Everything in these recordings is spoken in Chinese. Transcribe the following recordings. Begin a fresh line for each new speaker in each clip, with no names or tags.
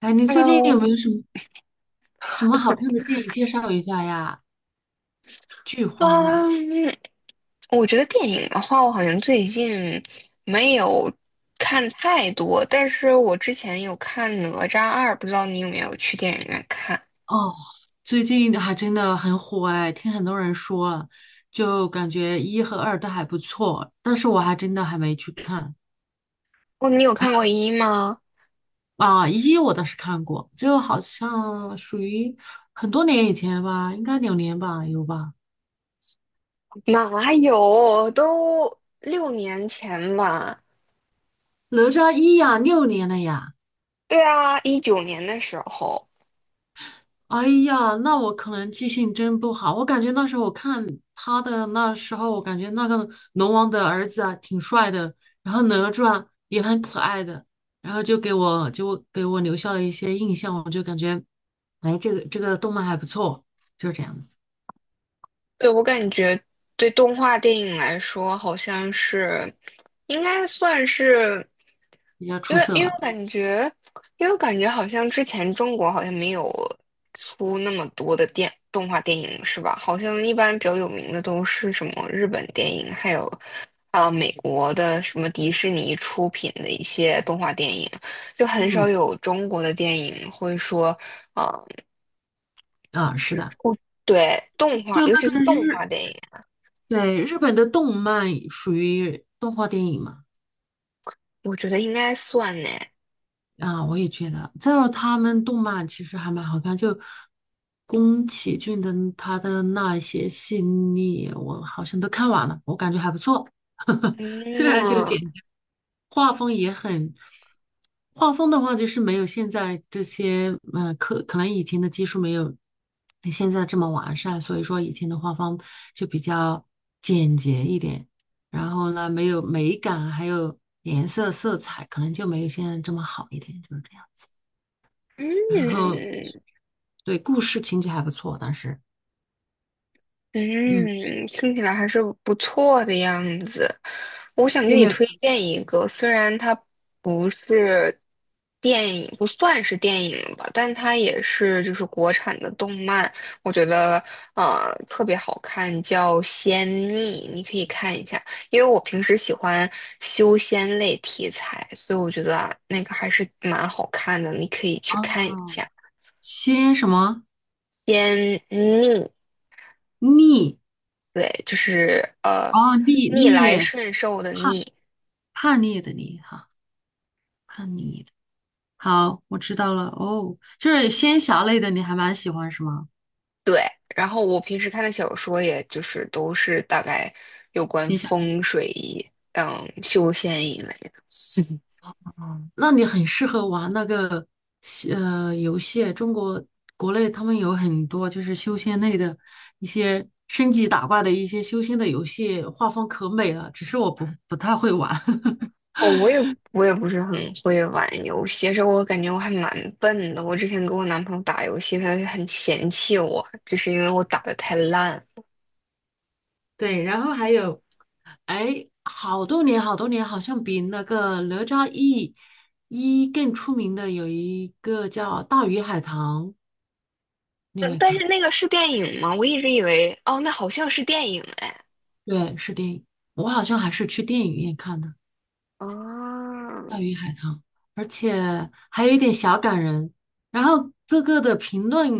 哎，你最近有
Hello，
没有什么好看的电影介绍一下呀？剧荒了。
嗯，我觉得电影的话，我好像最近没有看太多，但是我之前有看《哪吒二》，不知道你有没有去电影院看？
哦，最近还真的很火哎，听很多人说了，就感觉一和二都还不错，但是我还真的还没去看。
哦，你有看过一吗？
啊，一我倒是看过，就好像属于很多年以前吧，应该两年吧，有吧？
哪有，都6年前吧。
哪吒一呀，六年了呀。
对啊，19年的时候。
哎呀，那我可能记性真不好。我感觉那时候我看他的那时候，我感觉那个龙王的儿子啊挺帅的，然后哪吒也很可爱的，然后就给我留下了一些印象，我就感觉，哎，这个动漫还不错，就是这样子，
对，我感觉对动画电影来说，好像是应该算是，
比较
因
出
为
色
因为我
了。
感觉，因为我感觉好像之前中国好像没有出那么多的电动画电影，是吧？好像一般比较有名的都是什么日本电影，还有美国的什么迪士尼出品的一些动画电影，就很少
嗯。
有中国的电影会说啊，
啊，
就
是
是
的。
出对动画，
就
尤
那
其是
个
动画
日，
电影。
对，日本的动漫属于动画电影嘛。
我觉得应该算呢。
啊，我也觉得。再有，他们动漫其实还蛮好看，就宫崎骏的他的那些系列，我好像都看完了，我感觉还不错。虽然就
嗯
简单，画风也很，画风的话就是没有现在这些，可能以前的技术没有现在这么完善，所以说以前的画风就比较简洁一点。然后呢，没有美感，还有颜色、色彩，可能就没有现在这么好一点，就是这样。然后，
嗯
对，故事情节还不错，当时。嗯，
嗯，听起来还是不错的样子。我想
你
给
有
你
没有
推
看？
荐一个，虽然它不是电影，不算是电影吧，但它也是就是国产的动漫，我觉得特别好看，叫《仙逆》，你可以看一下。因为我平时喜欢修仙类题材，所以我觉得啊那个还是蛮好看的，你可以去看一
哦，
下。
仙什么
偏逆，
逆？
对，就是
哦，逆
逆
逆
来顺受的
叛
逆，
叛逆的逆哈。好，我知道了。哦，就是仙侠类的，你还蛮喜欢是吗？
对。然后我平时看的小说，也就是都是大概有关
仙侠。
风水、嗯修仙一类的。
哦，那你很适合玩那个游戏，中国国内他们有很多就是修仙类的一些升级打怪的一些修仙的游戏，画风可美了，只是我不太会玩。
哦，我也不是很会玩游戏，其实我感觉我还蛮笨的。我之前跟我男朋友打游戏，他就很嫌弃我，就是因为我打的太烂。
对，然后还有，哎，好多年，好像比那个哪吒一更出名的有一个叫《大鱼海棠》，你有
嗯，
没有
但是
看？
那个是电影吗？我一直以为，哦，那好像是电影哎。
对，是电影，我好像还是去电影院看的。
啊，
大鱼海棠，而且还有一点小感人。然后各个的评论，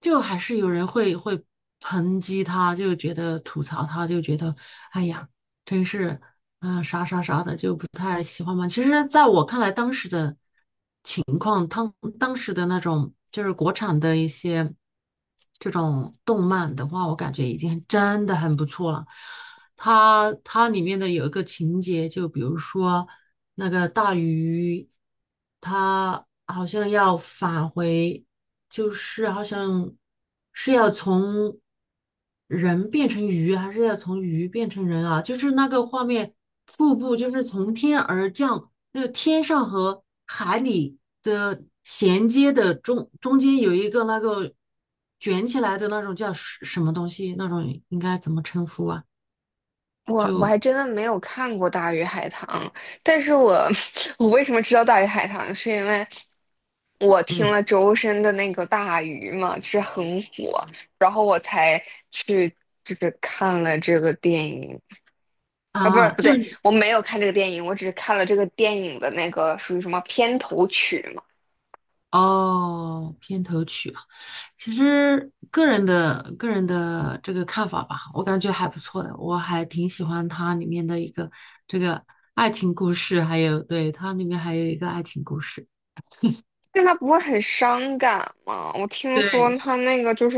就还是有人会抨击他，就觉得吐槽他，就觉得哎呀，真是啥啥啥的，就不太喜欢嘛。其实，在我看来，当时的那种就是国产的一些这种动漫的话，我感觉已经真的很不错了。它里面的有一个情节，就比如说那个大鱼，它好像要返回，就是好像是要从人变成鱼，还是要从鱼变成人啊？就是那个画面，瀑布就是从天而降，那个天上和海里的衔接的中间有一个那个卷起来的那种叫什么东西，那种应该怎么称呼啊？
我我
就。
还真的没有看过《大鱼海棠》，但是我 我为什么知道《大鱼海棠》，是因为我听
嗯，
了周深的那个《大鱼》嘛，是很火，然后我才去就是看了这个电影啊，不是
啊，
不
就
对，
是你
我没有看这个电影，我只是看了这个电影的那个属于什么片头曲嘛。
哦，片头曲啊。其实个人的这个看法吧，我感觉还不错的，我还挺喜欢它里面的一个这个爱情故事，还有对它里面还有一个爱情故事，
但他不会很伤感吗？我听说
对，
他那个就是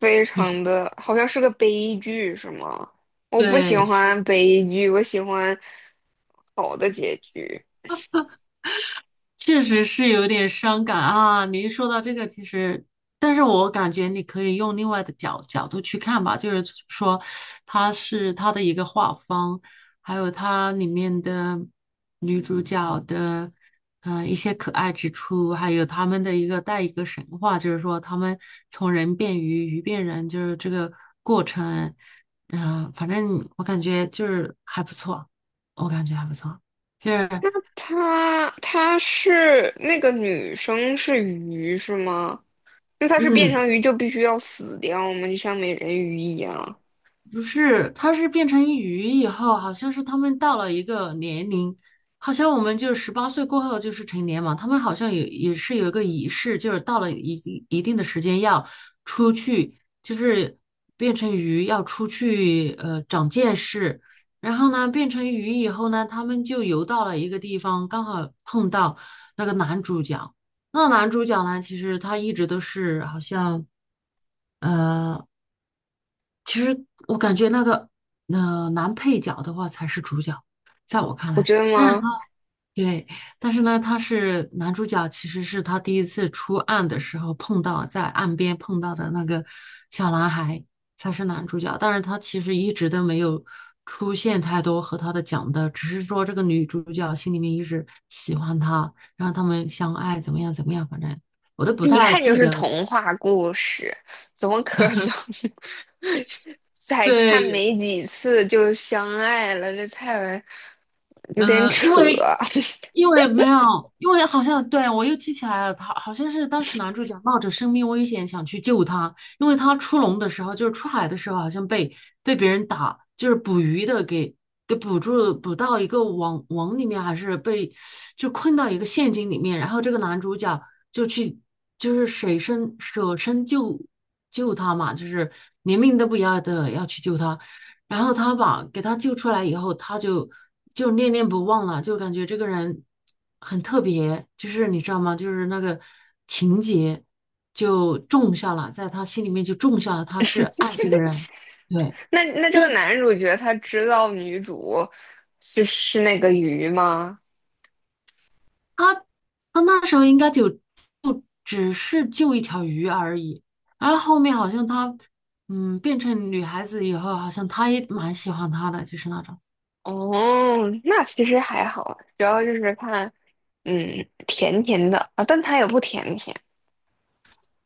非
很深。
常的，好像是个悲剧，是吗？我不喜
对，
欢悲剧，我喜欢好的结局。
确实是有点伤感啊！你一说到这个，其实，但是我感觉你可以用另外的角度去看吧，就是说，它是它的一个画风，还有它里面的女主角的，一些可爱之处，还有他们的一个一个神话，就是说他们从人变鱼，鱼变人，就是这个过程。反正我感觉就是还不错，我感觉还不错，就是
他是那个女生是鱼是吗？那他是变
嗯。
成鱼就必须要死掉吗？就像美人鱼一样？
不是，它是变成鱼以后，好像是他们到了一个年龄，好像我们就十八岁过后就是成年嘛，他们好像也是有一个仪式，就是到了一定的时间要出去，就是变成鱼要出去长见识，然后呢变成鱼以后呢，他们就游到了一个地方，刚好碰到那个男主角。那男主角呢，其实他一直都是好像。呃，其实我感觉那个男配角的话才是主角，在我看
我
来。
真的
但是他，
吗？
对，但是呢，他是男主角，其实是他第一次出岸的时候在岸边碰到的那个小男孩才是男主角，但是他其实一直都没有出现太多和他的讲的，只是说这个女主角心里面一直喜欢他，然后他们相爱怎么样怎么样，反正我都不
一
太
看就
记
是
得。
童话故事，怎么可能 才看
对，
没几次就相爱了？这太为有点
呃，
扯。
因为因为没有，因为好像对我又记起来了，他好像是当时男主角冒着生命危险想去救他，因为他出笼的时候，就是出海的时候，好像被别人打，就是捕鱼的给捕住，捕到一个网里面，还是被就困到一个陷阱里面，然后这个男主角就去就是舍身救他嘛，就是连命都不要的要去救他。然后他把给他救出来以后，就念念不忘了，就感觉这个人很特别，就是你知道吗？就是那个情节就种下了，在他心里面就种下了，他是爱这是个的 人。对，
那这
但
个男主角他知道女主是那个鱼吗？
他他那时候应该就只是救一条鱼而已，然后后面好像他变成女孩子以后，好像他也蛮喜欢他的，就是那种。
哦，那其实还好，主要就是看，嗯，甜甜的啊，但他也不甜甜。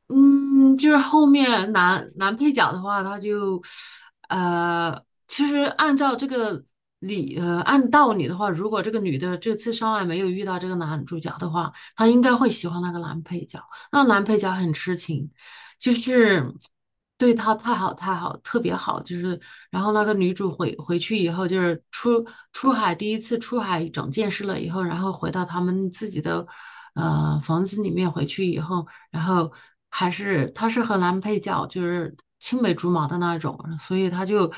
嗯，就是后面男配角的话，他就，呃，其实按照这个按道理的话，如果这个女的这次上来没有遇到这个男主角的话，她应该会喜欢那个男配角。那男配角很痴情，就是对他太好，特别好。就是然后那个女主回去以后，就是出海第一次出海长见识了以后，然后回到他们自己的房子里面回去以后，然后还是她是和男配角，就是青梅竹马的那种，所以她就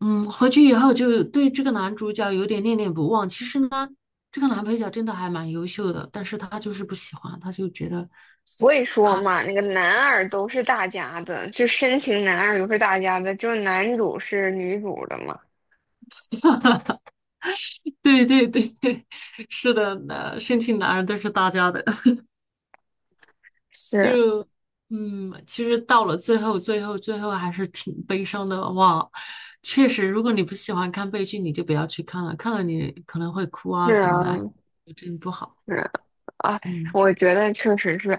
回去以后就对这个男主角有点念念不忘。其实呢。这个男配角真的还蛮优秀的，但是他就是不喜欢，他就觉得。
所以说嘛，那个男二都是大家的，就深情男二都是大家的，就是男主是女主的嘛。
对对对，是的，那申请男人都是大家的，
是
就嗯，其实到了最后，最后还是挺悲伤的哇。确实，如果你不喜欢看悲剧，你就不要去看了，看了你可能会哭啊
是
什么
啊，
的，哎，真不好。
是啊啊，
嗯。
我觉得确实是。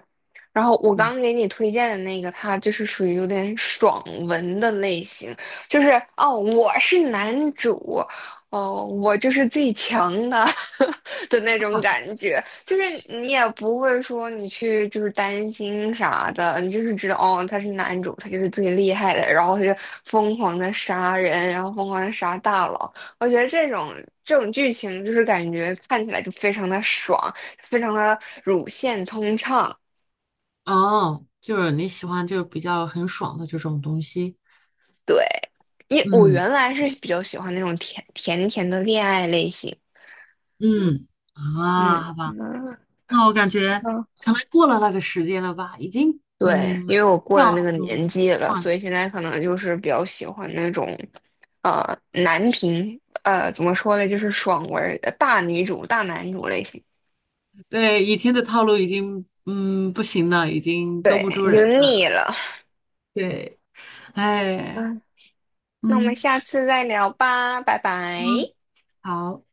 然后我
嗯，
刚给你推荐的那个，它就是属于有点爽文的类型，就是哦，我是男主，哦，我就是最强的 的那种感觉，就是你也不会说你去就是担心啥的，你就是知道哦，他是男主，他就是最厉害的，然后他就疯狂的杀人，然后疯狂的杀大佬，我觉得这种剧情就是感觉看起来就非常的爽。非常的乳腺通畅。
哦，就是你喜欢就比较很爽的这种东西。
对，因我
嗯。
原来是比较喜欢那种甜甜甜的恋爱类型。
嗯，啊，
嗯
好吧，
嗯
那我感觉
嗯，
可能过了那个时间了吧，已经
对，
嗯，
因为我过了
要
那
那
个
种。
年纪了，所以现在可能就是比较喜欢那种，男频，怎么说呢，就是爽文儿大女主、大男主类型。
对，以前的套路已经不行了，已经勾
对，
不住
你就
人
腻
了。
了。
对，哎，
嗯，那我们
嗯。
下次再聊吧，拜
嗯，
拜。
好。